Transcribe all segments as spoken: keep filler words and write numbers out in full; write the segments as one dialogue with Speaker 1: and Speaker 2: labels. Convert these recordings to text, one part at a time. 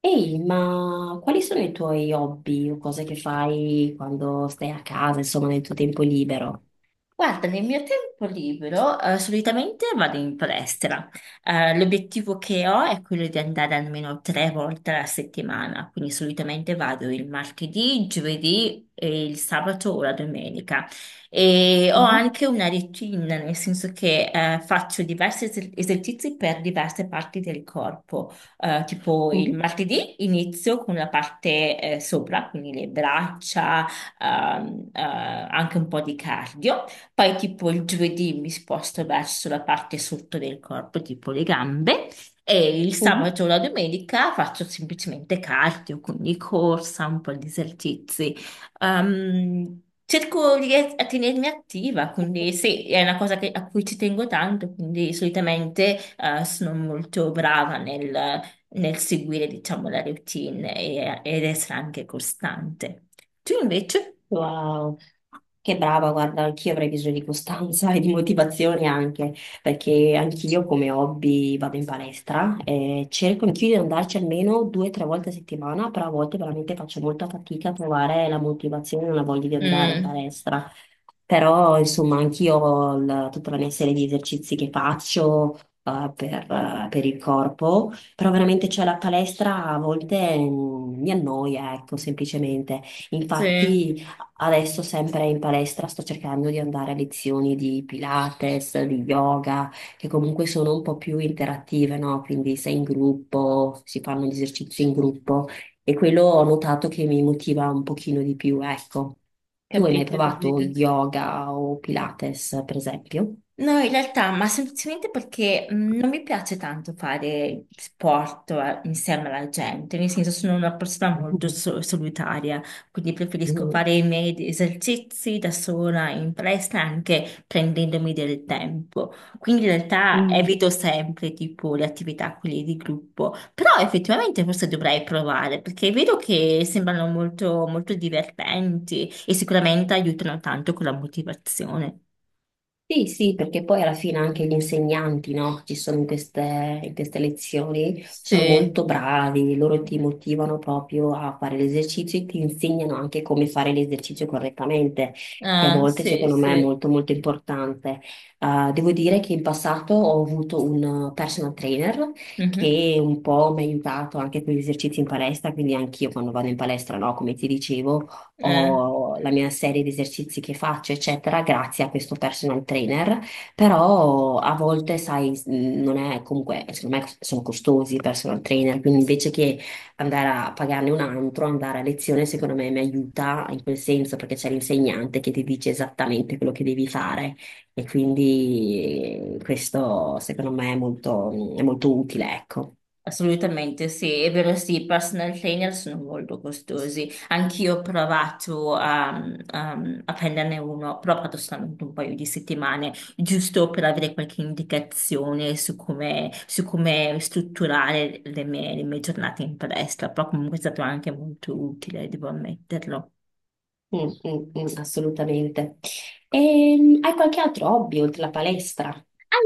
Speaker 1: Ehi, ma quali sono i tuoi hobby o cose che fai quando stai a casa, insomma, nel tuo tempo libero?
Speaker 2: Guarda, nel mio tempo libero, eh, solitamente vado in palestra. Eh, l'obiettivo che ho è quello di andare almeno tre volte alla settimana, quindi solitamente vado il martedì, il giovedì e il sabato o la domenica. E ho
Speaker 1: Mhm,
Speaker 2: anche una routine, nel senso che eh, faccio diversi es- esercizi per diverse parti del corpo. Eh, tipo il
Speaker 1: mhm,
Speaker 2: martedì inizio con la parte eh, sopra, quindi le braccia, ehm, eh, anche un po' di cardio. Poi tipo il giovedì mi sposto verso la parte sotto del corpo, tipo le gambe, e il
Speaker 1: mhm.
Speaker 2: sabato o la domenica faccio semplicemente cardio, quindi corsa, un po' di esercizi. Ehm, cerco di ries- a tenermi attiva, quindi sì, è una cosa che- a cui ci tengo tanto, quindi solitamente eh, sono molto brava nel, nel seguire, diciamo, la routine e, ed essere anche costante. Tu invece?
Speaker 1: Wow, che brava, guarda, anch'io avrei bisogno di costanza e di motivazione anche, perché anch'io come hobby vado in palestra e cerco anch'io di andarci almeno due o tre volte a settimana, però a volte veramente faccio molta fatica a trovare la motivazione e la voglia di andare in
Speaker 2: Mm,
Speaker 1: palestra. Però, insomma, anch'io ho il- tutta la mia serie di esercizi che faccio, eh, per, eh, per il corpo, però veramente c'è la palestra a volte mm, mi annoia, ecco, semplicemente.
Speaker 2: sì.
Speaker 1: Infatti. Adesso sempre in palestra sto cercando di andare a lezioni di Pilates, di yoga, che comunque sono un po' più interattive, no? Quindi sei in gruppo, si fanno gli esercizi in gruppo e quello ho notato che mi motiva un pochino di più, ecco. Tu hai mai
Speaker 2: Capito,
Speaker 1: provato
Speaker 2: capito.
Speaker 1: yoga o Pilates, per esempio?
Speaker 2: No, in realtà, ma semplicemente perché mh, non mi piace tanto fare sport eh, insieme alla gente, nel senso sono una persona molto so- solitaria, quindi preferisco fare i miei esercizi da sola in palestra anche prendendomi del tempo. Quindi in realtà
Speaker 1: Mm.
Speaker 2: evito sempre tipo le attività quelle di gruppo, però effettivamente forse dovrei provare perché vedo che sembrano molto, molto divertenti e sicuramente aiutano tanto con la motivazione.
Speaker 1: Sì, sì, perché poi alla fine anche gli insegnanti, no, che ci sono in queste, in queste lezioni, sono
Speaker 2: Sì,
Speaker 1: molto bravi, loro ti motivano proprio a fare l'esercizio e ti insegnano anche come fare l'esercizio correttamente, che a
Speaker 2: eh,
Speaker 1: volte
Speaker 2: sì,
Speaker 1: secondo me è
Speaker 2: sì.
Speaker 1: molto molto importante. Eh, devo dire che in passato ho avuto un personal trainer
Speaker 2: Mhm,
Speaker 1: che un po' mi ha aiutato anche con gli esercizi in palestra, quindi anch'io quando vado in palestra, no, come ti dicevo
Speaker 2: eh,
Speaker 1: ho la mia serie di esercizi che faccio, eccetera, grazie a questo personal trainer, però a volte, sai, s- non è comunque, secondo me sono costosi i personal trainer, quindi invece che andare a pagarne un altro, andare a lezione, secondo me mi aiuta in quel senso, perché c'è l'insegnante che ti dice esattamente quello che devi fare e quindi eh, questo secondo me è molto, è molto utile, ecco.
Speaker 2: assolutamente sì, è vero sì, i personal trainer sono molto costosi, anch'io ho provato a, a- a prenderne uno, però ho fatto solamente un paio di settimane, giusto per avere qualche indicazione su come, su come strutturare le mie, le mie giornate in palestra, però comunque è stato anche molto utile, devo ammetterlo.
Speaker 1: Mm, mm, mm, assolutamente. E, hai qualche altro hobby oltre la palestra?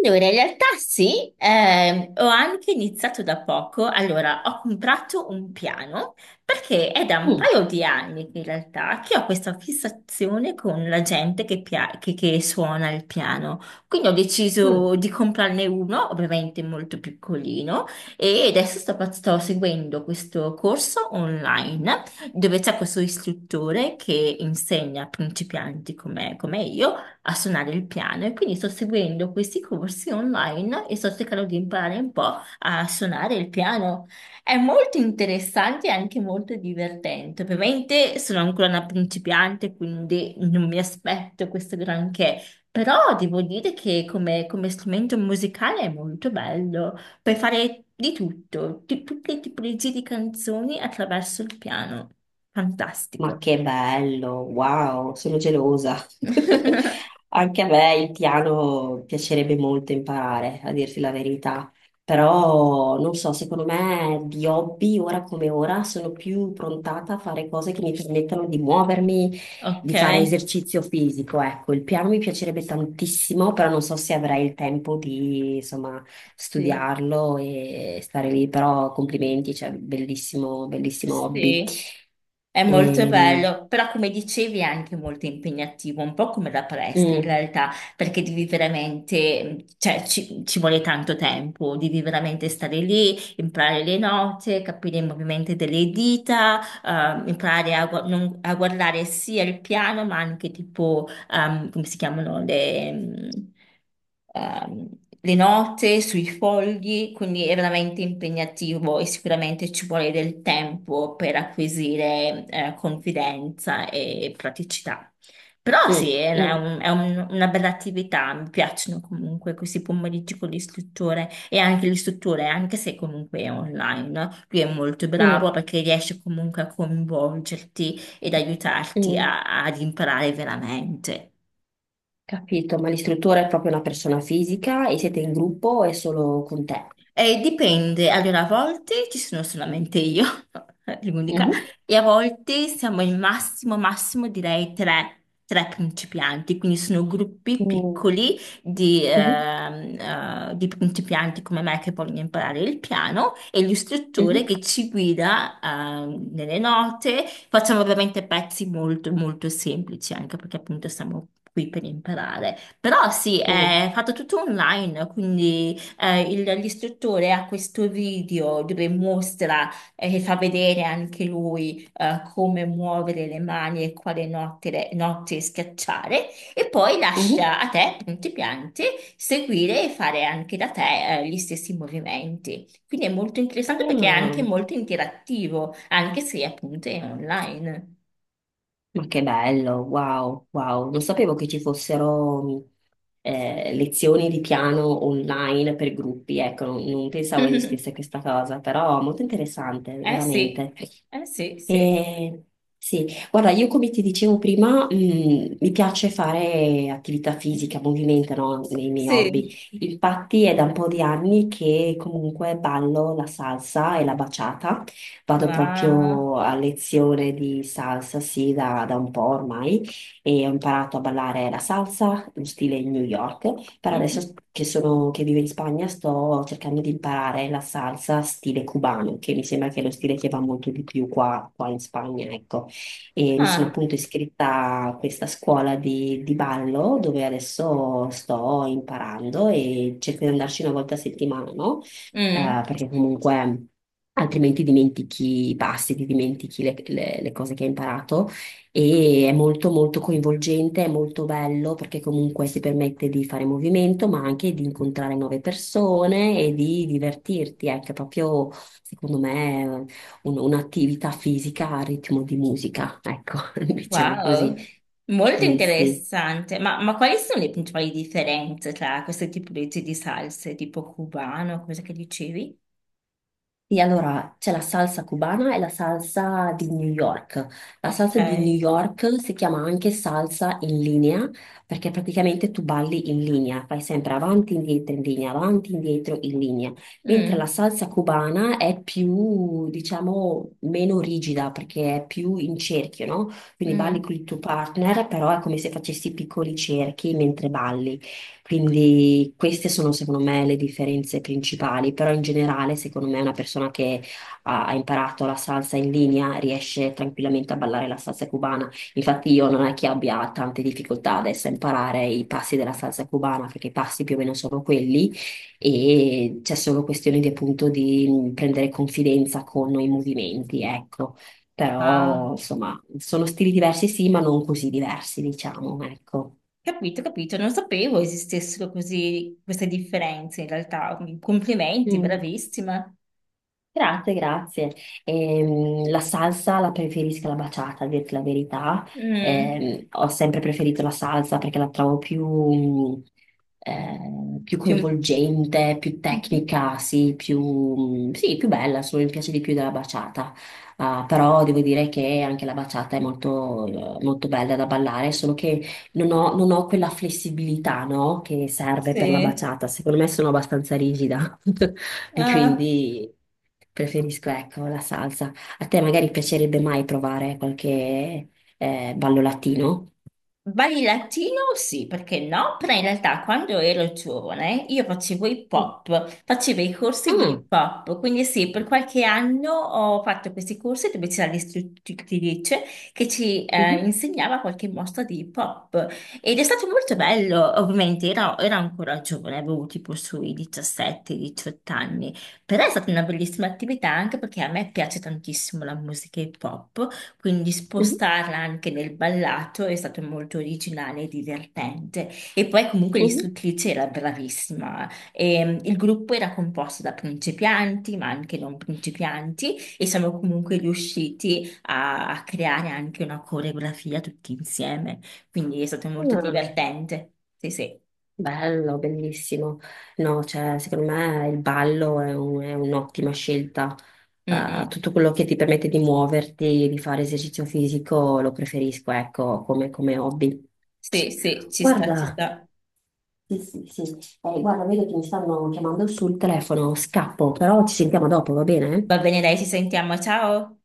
Speaker 2: Allora, in realtà sì, ehm, ho anche iniziato da poco. Allora, ho comprato un piano perché è da un
Speaker 1: Mm,
Speaker 2: paio di anni che in realtà che ho questa fissazione con la gente che, pia- che- che suona il piano. Quindi ho deciso
Speaker 1: mm.
Speaker 2: di comprarne uno, ovviamente molto piccolino, e adesso sto, pa- sto seguendo questo corso online dove c'è questo istruttore che insegna a principianti come come io a suonare il piano e quindi sto seguendo questi corsi online e sto cercando di imparare un po' a suonare il piano. È molto interessante e anche molto divertente. Ovviamente sono ancora una principiante, quindi non mi aspetto questo granché. Però devo dire che come, come strumento musicale è molto bello. Puoi fare di tutto, di tutte le tipologie di canzoni attraverso il piano.
Speaker 1: Ma
Speaker 2: Fantastico.
Speaker 1: che bello, wow, sono gelosa. Anche a me il piano piacerebbe molto imparare, a dirti la verità. Però non so, secondo me di hobby, ora come ora, sono più prontata a fare cose che mi permettano di muovermi,
Speaker 2: Ok,
Speaker 1: di fare esercizio fisico, ecco, il piano mi piacerebbe tantissimo, però non so se avrei il tempo di, insomma,
Speaker 2: sì.
Speaker 1: studiarlo e stare lì, però complimenti, cioè, bellissimo, bellissimo hobby.
Speaker 2: Sì, è molto
Speaker 1: Ehm,
Speaker 2: bello, però come dicevi è anche molto impegnativo, un po' come la palestra in
Speaker 1: mm,
Speaker 2: realtà, perché devi veramente, cioè ci, ci vuole tanto tempo, devi veramente stare lì, imparare le note, capire i movimenti delle dita, eh, imparare a, gu- non- a guardare sia il piano ma anche tipo ehm, come si chiamano, le, mm, ehm, le note sui fogli, quindi è veramente impegnativo e sicuramente ci vuole del tempo per acquisire eh, confidenza e praticità. Però sì,
Speaker 1: mm,
Speaker 2: è
Speaker 1: mm,
Speaker 2: un- è un- una bella attività, mi piacciono comunque questi pomeriggi con l'istruttore e anche l'istruttore, anche se comunque è online, no? Lui è molto bravo
Speaker 1: mm,
Speaker 2: perché riesce comunque a coinvolgerti ed aiutarti
Speaker 1: mm.
Speaker 2: a- ad imparare veramente.
Speaker 1: Capito, ma l'istruttore è proprio una persona fisica e siete in gruppo o è solo con te?
Speaker 2: Eh, dipende, allora a volte ci sono solamente io, l'unica,
Speaker 1: Mhm.
Speaker 2: e a volte siamo il massimo, massimo direi tre, tre principianti, quindi sono gruppi
Speaker 1: Mm,
Speaker 2: piccoli di,
Speaker 1: mhm,
Speaker 2: ehm, eh, di principianti come me che vogliono imparare il piano e l'istruttore che ci guida, ehm, nelle note. Facciamo veramente pezzi molto, molto semplici, anche perché appunto siamo qui per imparare. Però sì,
Speaker 1: mhm,
Speaker 2: è fatto tutto online, quindi… Eh, il- l'istruttore ha questo video dove mostra eh, e fa vedere anche lui eh, come muovere le mani e quale notte, notte schiacciare e poi
Speaker 1: mm, mhm.
Speaker 2: lascia a te, principiante, seguire e fare anche da te eh, gli stessi movimenti. Quindi è molto interessante perché è
Speaker 1: Ah.
Speaker 2: anche molto interattivo, anche se appunto è online.
Speaker 1: Ma che bello, wow, wow. Non sapevo che ci fossero eh, lezioni di piano online per gruppi, ecco, non, non pensavo esistesse questa cosa, però molto interessante,
Speaker 2: Eh sì,
Speaker 1: veramente.
Speaker 2: eh sì, sì,
Speaker 1: Eh, sì, guarda, io come ti dicevo prima, mh, mi piace fare attività fisica, movimento, no? Nei miei
Speaker 2: sì.
Speaker 1: hobby. Infatti è da un po' di anni che comunque ballo la salsa e la baciata. Vado
Speaker 2: Wow.
Speaker 1: proprio a lezione di salsa, sì, da, da un po' ormai, e ho imparato a ballare la salsa, lo stile New York. Però
Speaker 2: Mhm.
Speaker 1: adesso che sono, che vivo in Spagna sto cercando di imparare la salsa stile cubano, che mi sembra che è lo stile che va molto di più qua, qua, in Spagna, ecco. E mi sono
Speaker 2: Ah.
Speaker 1: appunto iscritta a questa scuola di, di ballo dove adesso sto imparando e cerco di andarci una volta a settimana, no? Eh,
Speaker 2: Mm.
Speaker 1: perché comunque altrimenti dimentichi i passi, ti dimentichi le, le- le cose che hai imparato e è molto molto coinvolgente, è molto bello perché comunque si permette di fare movimento, ma anche di incontrare nuove persone e di divertirti. Ecco, è proprio, secondo me, un- un'attività fisica a ritmo di musica, ecco, diciamo così.
Speaker 2: Wow, molto
Speaker 1: Sì, sì.
Speaker 2: interessante. Ma, ma quali sono le principali differenze tra queste tipologie di salse, tipo cubano, cosa che dicevi?
Speaker 1: Sì, allora c'è la salsa cubana e la salsa di New York. La
Speaker 2: Ok.
Speaker 1: salsa di New York si chiama anche salsa in linea, perché praticamente tu balli in linea, fai sempre avanti, indietro, in linea, avanti, indietro, in linea. Mentre la
Speaker 2: Mm,
Speaker 1: salsa cubana è più, diciamo, meno rigida perché è più in cerchio, no? Quindi balli
Speaker 2: mm.
Speaker 1: con il tuo partner, però è come se facessi piccoli cerchi mentre balli. Quindi queste sono secondo me le differenze principali, però in generale secondo me una persona che ha, ha imparato la salsa in linea riesce tranquillamente a ballare la salsa cubana. Infatti io non è che abbia tante difficoltà adesso a imparare i passi della salsa cubana, perché i passi più o meno sono quelli, e c'è solo questione di appunto di prendere confidenza con i movimenti, ecco. Però
Speaker 2: Ah,
Speaker 1: insomma sono stili diversi sì, ma non così diversi, diciamo, ecco.
Speaker 2: capito, capito. Non sapevo esistessero così queste differenze in realtà. Complimenti,
Speaker 1: Mm.
Speaker 2: bravissima.
Speaker 1: Grazie, grazie. Ehm, la salsa la preferisco la baciata, a dirti la verità.
Speaker 2: Mm.
Speaker 1: Ehm, ho sempre preferito la salsa perché la trovo più, mh, eh, più
Speaker 2: Più...
Speaker 1: coinvolgente, più
Speaker 2: Mhm.
Speaker 1: tecnica, sì, più, mh, sì, più bella, insomma, mi piace di più della baciata. Ah, però devo dire che anche la baciata è molto, eh, molto bella da ballare, solo che non ho, non ho quella flessibilità, no, che serve per la
Speaker 2: Sì.
Speaker 1: baciata. Secondo me sono abbastanza rigida. E
Speaker 2: Ah,
Speaker 1: quindi preferisco, ecco, la salsa. A te magari piacerebbe mai provare qualche eh, ballo latino?
Speaker 2: balli latino? Sì, perché no? Però in realtà quando ero giovane io facevo hip
Speaker 1: Mhm,
Speaker 2: hop, facevo i corsi di
Speaker 1: Mm.
Speaker 2: hip hop, quindi sì, per qualche anno ho fatto questi corsi dove c'era l'istruttrice che ci eh,
Speaker 1: Mhm,
Speaker 2: insegnava qualche mossa di hip hop ed è stato molto bello, ovviamente ero, ero ancora giovane, avevo tipo sui diciassette diciotto anni, però è stata una bellissima attività anche perché a me piace tantissimo la musica hip hop. Quindi
Speaker 1: Mhm,
Speaker 2: spostarla anche nel ballato è stato molto originale e divertente. E poi comunque
Speaker 1: mhm.
Speaker 2: l'istruttrice era bravissima. E, il gruppo era composto da principianti, ma anche non principianti, e siamo comunque riusciti a, a creare anche una coreografia tutti insieme. Quindi è stato molto
Speaker 1: Ah.
Speaker 2: divertente. Sì, sì.
Speaker 1: Bello, bellissimo. No, cioè, secondo me il ballo è un- è un'ottima scelta.
Speaker 2: Mm,
Speaker 1: Eh,
Speaker 2: mm.
Speaker 1: tutto quello che ti permette di muoverti, di fare esercizio fisico, lo preferisco, ecco, come, come hobby.
Speaker 2: Sì, sì, ci sta, ci
Speaker 1: Guarda,
Speaker 2: sta.
Speaker 1: sì, sì, sì. Eh, guarda, vedo che mi stanno chiamando sul telefono, scappo, però ci sentiamo dopo, va bene?
Speaker 2: Va bene, dai, ci sentiamo. Ciao.